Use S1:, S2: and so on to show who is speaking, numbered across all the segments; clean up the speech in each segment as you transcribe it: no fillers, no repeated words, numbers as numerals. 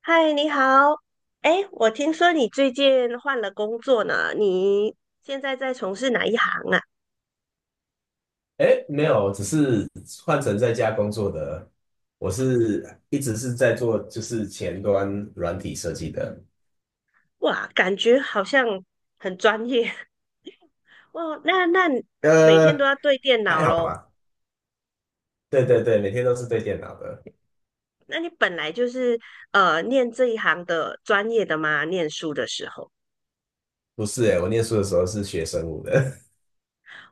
S1: 嗨，你好。哎，我听说你最近换了工作呢，你现在在从事哪一行啊？
S2: 哎，没有，只是换成在家工作的。我是一直是在做就是前端软体设计的，
S1: 哇，感觉好像很专业。哦。那你每天都
S2: 呃，
S1: 要对电
S2: 还
S1: 脑
S2: 好
S1: 咯。
S2: 吧。对对对，每天都是对电脑的。
S1: 那你本来就是念这一行的专业的吗？念书的时候？
S2: 不是哎，我念书的时候是学生物的，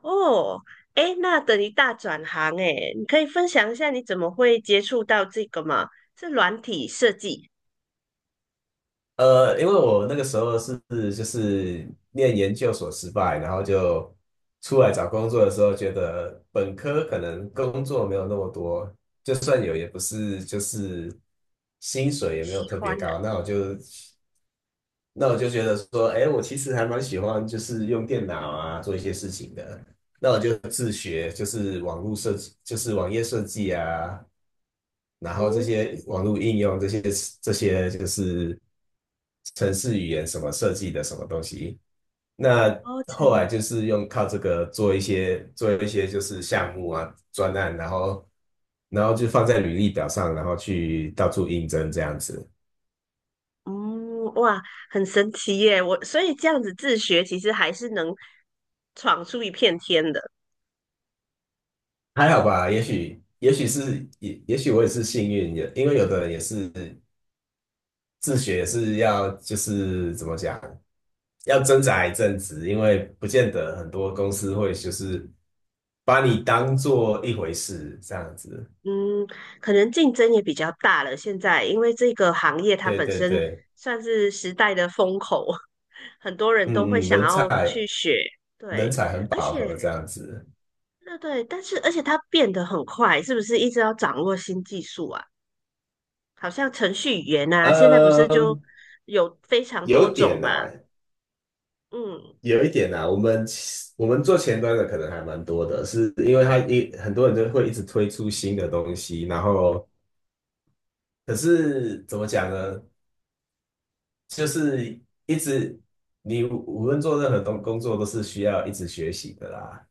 S1: 哦，哎，那等于大转行哎，你可以分享一下你怎么会接触到这个吗？是软体设计，
S2: 因为我那个时候是就是念研究所失败，然后就出来找工作的时候，觉得本科可能工作没有那么多，就算有也不是就是薪水也没有
S1: 喜
S2: 特别
S1: 欢的。
S2: 高，那我就觉得说，哎，我其实还蛮喜欢，就是用电脑啊做一些事情的。那我就自学，就是网络设计，就是网页设计啊，然后这
S1: 嗯，
S2: 些网络应用，这些就是程式语言什么设计的什么东西。那
S1: 哦，
S2: 后来
S1: 成
S2: 就是用靠这个做一些就是项目啊专案，然后就放在履历表上，然后去到处应征这样子。
S1: 嗯，哇，很神奇耶！我所以这样子自学，其实还是能闯出一片天的。
S2: 还好吧，也许是也许我也是幸运，也因为有的人也是自学是要就是怎么讲，要挣扎一阵子，因为不见得很多公司会就是把你当做一回事这样子。
S1: 嗯，可能竞争也比较大了。现在因为这个行业它
S2: 对
S1: 本
S2: 对
S1: 身
S2: 对，
S1: 算是时代的风口，很多人都会
S2: 嗯嗯，
S1: 想
S2: 人
S1: 要
S2: 才
S1: 去学。
S2: 人
S1: 对，
S2: 才很
S1: 而
S2: 饱和这
S1: 且
S2: 样子。
S1: 对对，但是而且它变得很快，是不是一直要掌握新技术啊？好像程序语言啊，现在不是就
S2: 嗯，
S1: 有非常
S2: 有
S1: 多
S2: 一点
S1: 种嘛？
S2: 呐、
S1: 嗯
S2: 有一点呐、我们做前端的可能还蛮多的，是因为他一很多人就会一直推出新的东西，然后可是怎么讲呢？就是一直你无无论做任何工作都是需要一直学习的啦。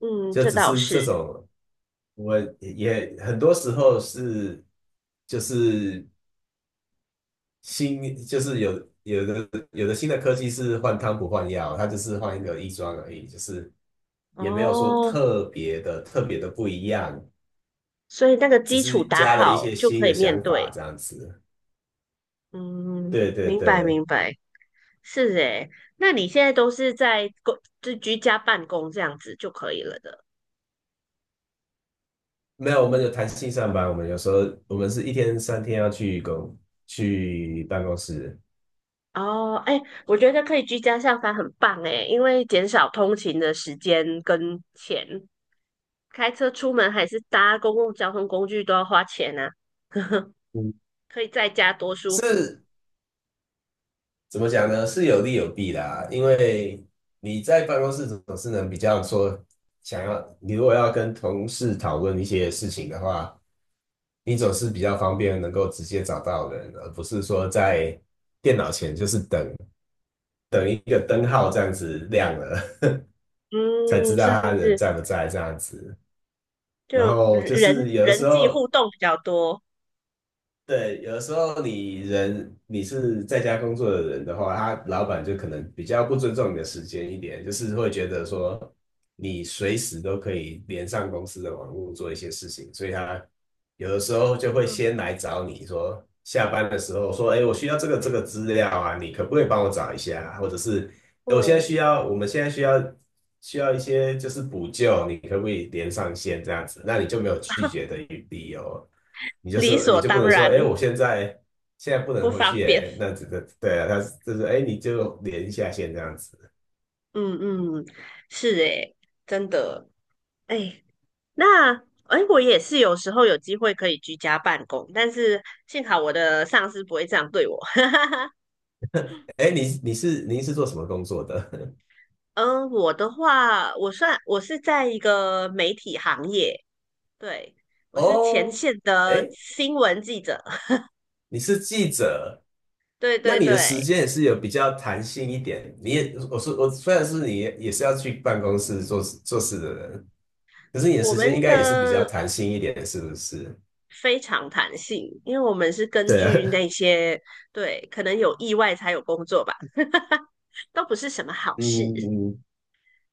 S1: 嗯，
S2: 就
S1: 这
S2: 只
S1: 倒
S2: 是这
S1: 是
S2: 种，我也很多时候是就是有的新的科技是换汤不换药，它就是换一个衣装而已，就是也没有说
S1: 哦。
S2: 特别的不一样，
S1: 所以那个
S2: 只
S1: 基础
S2: 是
S1: 打
S2: 加了一
S1: 好
S2: 些
S1: 就
S2: 新
S1: 可
S2: 的
S1: 以面
S2: 想法
S1: 对。
S2: 这样子。
S1: 嗯，
S2: 对对
S1: 明白
S2: 对。
S1: 明白，是诶。那你现在都是在公，就居家办公这样子就可以了的。
S2: 没有，我们有弹性上班，我们有时候我们是一天三天要去办公室，
S1: 哦，哎，我觉得可以居家上班很棒诶，因为减少通勤的时间跟钱，开车出门还是搭公共交通工具都要花钱啊。
S2: 嗯，
S1: 可以在家多舒服。
S2: 是怎么讲呢？是有利有弊啦，因为你在办公室总是能比较说想要，你如果要跟同事讨论一些事情的话，你总是比较方便能够直接找到人，而不是说在电脑前就是等一个灯号这样子亮了 才知
S1: 嗯，是
S2: 道他
S1: 是
S2: 人
S1: 是，
S2: 在不在这样子。
S1: 就
S2: 然后就
S1: 人
S2: 是有的
S1: 人
S2: 时
S1: 际互
S2: 候
S1: 动比较多。
S2: 对，有的时候你是在家工作的人的话，他老板就可能比较不尊重你的时间一点，就是会觉得说你随时都可以连上公司的网络做一些事情，所以他有的时候就会
S1: 嗯，
S2: 先来找你说，下班的时候说，哎，我需要这个资料啊，你可不可以帮我找一下啊？或者是诶我现在
S1: 哦，
S2: 需要，需要一些就是补救，你可不可以连上线这样子？那你就没有拒绝的余地哦。你就
S1: 理
S2: 是，你
S1: 所
S2: 就不
S1: 当
S2: 能说，
S1: 然。
S2: 哎，我现在现在不
S1: 不
S2: 能回
S1: 方
S2: 去，
S1: 便。
S2: 耶，那这个对啊，他就是哎，你就连下线这样子。
S1: 嗯嗯，是诶，真的诶，那诶，我也是有时候有机会可以居家办公，但是幸好我的上司不会这样对我。
S2: 哎，你你是您是做什么工作的？
S1: 嗯，我的话，我算我是在一个媒体行业，对，我是前
S2: 哦，
S1: 线的
S2: 哎，
S1: 新闻记者，
S2: 你是记者，
S1: 对
S2: 那
S1: 对
S2: 你的时
S1: 对，
S2: 间也是有比较弹性一点。你也我说我虽然是你也是要去办公室做事的人，可是你的
S1: 我
S2: 时间应
S1: 们的
S2: 该也是比较弹性一点，是不是？
S1: 非常弹性，因为我们是根
S2: 对啊，
S1: 据那些，对，可能有意外才有工作吧，都不是什么好
S2: 嗯
S1: 事。
S2: 嗯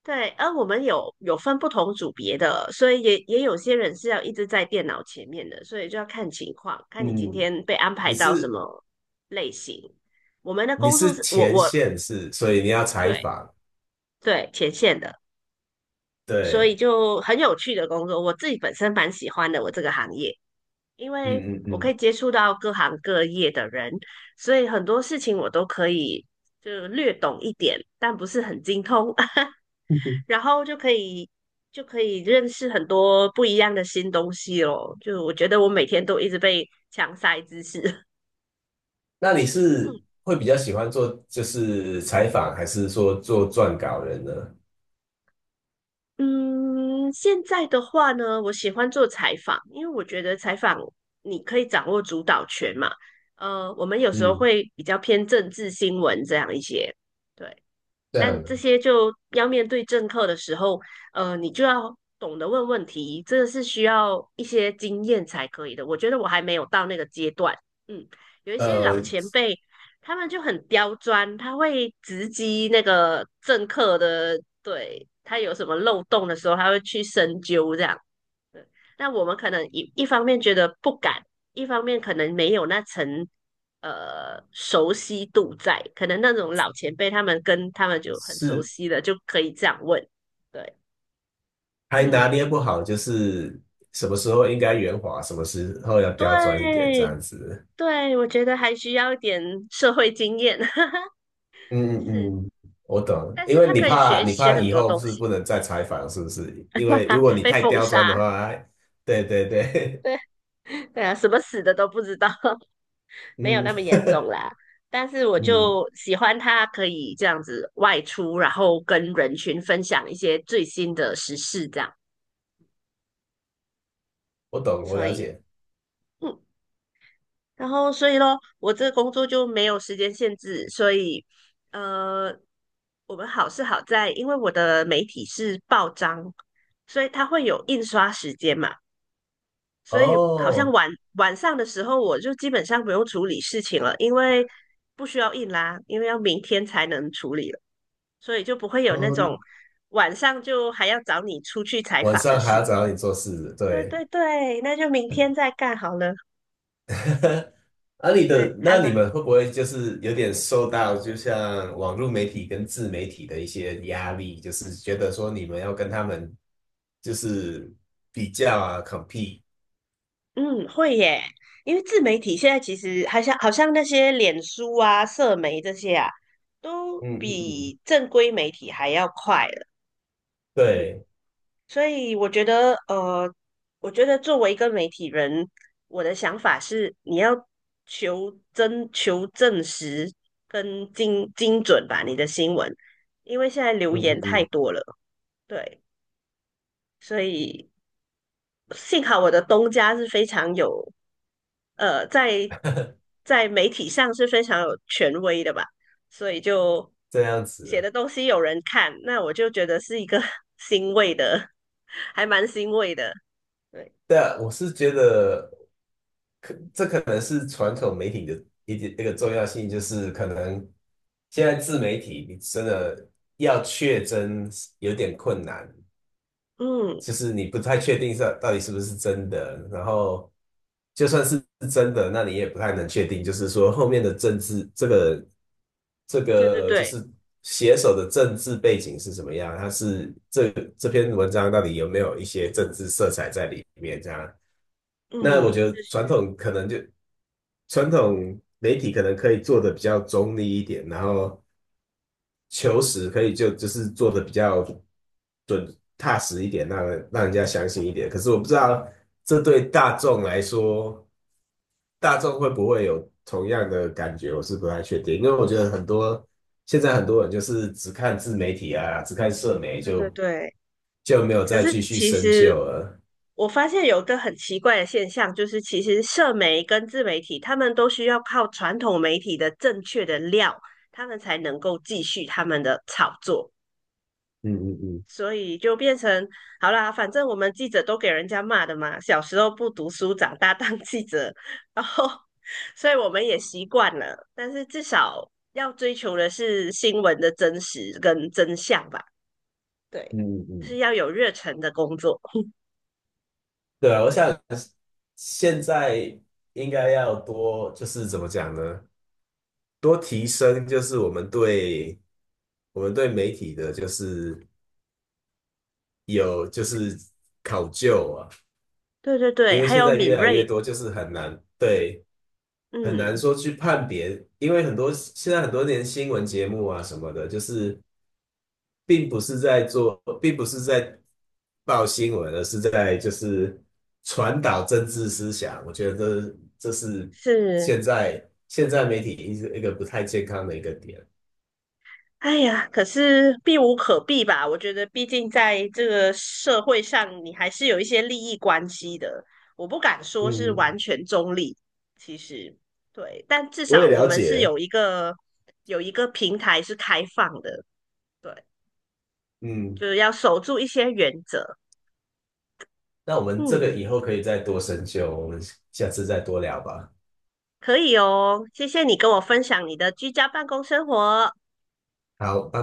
S1: 对，而我们有分不同组别的，所以也有些人是要一直在电脑前面的，所以就要看情况，看你今
S2: 嗯，
S1: 天被安排
S2: 你
S1: 到什
S2: 是
S1: 么类型。我们的
S2: 你
S1: 工作
S2: 是
S1: 是我
S2: 前
S1: 我
S2: 线是，所以你要采
S1: 对
S2: 访。
S1: 对前线的，所
S2: 对，
S1: 以就很有趣的工作，我自己本身蛮喜欢的我这个行业，因为
S2: 嗯嗯
S1: 我可
S2: 嗯，
S1: 以接触到各行各业的人，所以很多事情我都可以就略懂一点，但不是很精通。
S2: 嗯
S1: 然后就可以就可以认识很多不一样的新东西咯。就我觉得我每天都一直被强塞知识。
S2: 那你是
S1: 嗯
S2: 会比较喜欢做就是采访，还是说做撰稿人呢？
S1: 嗯，现在的话呢，我喜欢做采访，因为我觉得采访你可以掌握主导权嘛。我们有时候
S2: 嗯，
S1: 会比较偏政治新闻这样一些，对。
S2: 这样
S1: 但这
S2: 的，
S1: 些就要面对政客的时候，你就要懂得问问题，这个是需要一些经验才可以的。我觉得我还没有到那个阶段。嗯，有一些老
S2: 呃，
S1: 前辈，他们就很刁钻，他会直击那个政客的，对，他有什么漏洞的时候，他会去深究这样。对，那我们可能一方面觉得不敢，一方面可能没有那层熟悉度在，可能那种老前辈他们跟他们就很熟
S2: 是
S1: 悉了，就可以这样问。对，
S2: 还拿
S1: 嗯，
S2: 捏不好，就是什么时候应该圆滑，什么时候要
S1: 对
S2: 刁钻一点，这样子。
S1: 对，我觉得还需要一点社会经验，
S2: 嗯
S1: 是，
S2: 嗯嗯我懂，
S1: 但
S2: 因
S1: 是
S2: 为
S1: 他可以学
S2: 你
S1: 学
S2: 怕
S1: 很
S2: 以
S1: 多
S2: 后
S1: 东
S2: 是
S1: 西，
S2: 不能再采访，是不是？因为如果 你
S1: 被
S2: 太
S1: 封
S2: 刁钻
S1: 杀，
S2: 的话，哎对对对，
S1: 对对啊，什么死的都不知道。没有
S2: 嗯
S1: 那么严重啦。但是我
S2: 嗯，
S1: 就喜欢他可以这样子外出，然后跟人群分享一些最新的时事，这样。
S2: 我懂，我
S1: 所
S2: 了
S1: 以，
S2: 解。
S1: 嗯，然后所以咯，我这个工作就没有时间限制，所以，呃，我们好是好在，因为我的媒体是报章，所以它会有印刷时间嘛。所以好像
S2: 哦，
S1: 晚上的时候，我就基本上不用处理事情了，因为不需要印啦，因为要明天才能处理了。所以就不会有那种
S2: 哦，
S1: 晚上就还要找你出去采
S2: 晚
S1: 访的
S2: 上还要
S1: 事。
S2: 找你做事，
S1: 对
S2: 对。
S1: 对对，那就明天再干好了。
S2: 啊，你
S1: 对，
S2: 的，
S1: 还
S2: 那
S1: 蛮，
S2: 你们会不会就是有点受到，就像网络媒体跟自媒体的一些压力，就是觉得说你们要跟他们就是比较啊，compete，
S1: 嗯，会耶，因为自媒体现在其实好像那些脸书啊、社媒这些啊，都
S2: 嗯嗯嗯
S1: 比正规媒体还要快了。嗯。
S2: 对，
S1: 所以我觉得，我觉得作为一个媒体人，我的想法是，你要求真、求证实跟精准吧，你的新闻，因为现在流
S2: 嗯
S1: 言
S2: 嗯
S1: 太
S2: 嗯，
S1: 多了，对，所以幸好我的东家是非常有，呃，在在媒体上是非常有权威的吧，所以就
S2: 这样
S1: 写
S2: 子。
S1: 的东西有人看，那我就觉得是一个 欣慰的，还蛮欣慰的。对。
S2: 对啊，我是觉得可，这可能是传统媒体的一点那个重要性，就是可能现在自媒体你真的要确真有点困难。
S1: 嗯，
S2: 就是你不太确定是到底是不是真的，然后就算是真的，那你也不太能确定，就是说后面的政治这个这
S1: 对对
S2: 个就
S1: 对，
S2: 是写手的政治背景是什么样，他是这这篇文章到底有没有一些政治色彩在里面这样？那我
S1: 嗯，
S2: 觉得
S1: 就是
S2: 传统媒体可能可以做的比较中立一点，然后求实可以就是做的比较准踏实一点，让人家相信一点。可是我不知道这对大众来说，大众会不会有同样的感觉，我是不太确定。因为我觉得很多现在很多人就是只看自媒体啊，只看社媒
S1: 对对对。
S2: 就没有
S1: 可
S2: 再
S1: 是
S2: 继续
S1: 其
S2: 深究
S1: 实
S2: 了。
S1: 我发现有个很奇怪的现象，就是其实社媒跟自媒体，他们都需要靠传统媒体的正确的料，他们才能够继续他们的炒作。
S2: 嗯嗯嗯
S1: 所以就变成好啦，反正我们记者都给人家骂的嘛，小时候不读书，长大当记者，然后所以我们也习惯了。但是至少要追求的是新闻的真实跟真相吧。
S2: 嗯
S1: 对，
S2: 嗯嗯，
S1: 是要有热忱的工作。
S2: 对啊，我想现在应该要多就是怎么讲呢？多提升就是我们对媒体的，就是有就是考究啊，
S1: 对对对，
S2: 因为
S1: 还
S2: 现
S1: 有
S2: 在越
S1: 敏
S2: 来越
S1: 锐，
S2: 多，就是很难
S1: 嗯，
S2: 说去判别，因为很多年新闻节目啊什么的，就是并不是在报新闻，而是在就是传导政治思想。我觉得这是
S1: 是，
S2: 现在现在媒体一个不太健康的一个点。
S1: 哎呀，可是避无可避吧？我觉得，毕竟在这个社会上，你还是有一些利益关系的。我不敢说是
S2: 嗯，
S1: 完全中立，其实对，但至
S2: 我也
S1: 少我
S2: 了
S1: 们是
S2: 解，
S1: 有一个有一个平台是开放的，对，
S2: 嗯，
S1: 就是要守住一些原则。
S2: 那我们这
S1: 嗯，
S2: 个以后可以再多深究，我们下次再多聊吧。
S1: 可以哦，谢谢你跟我分享你的居家办公生活。
S2: 好，拜。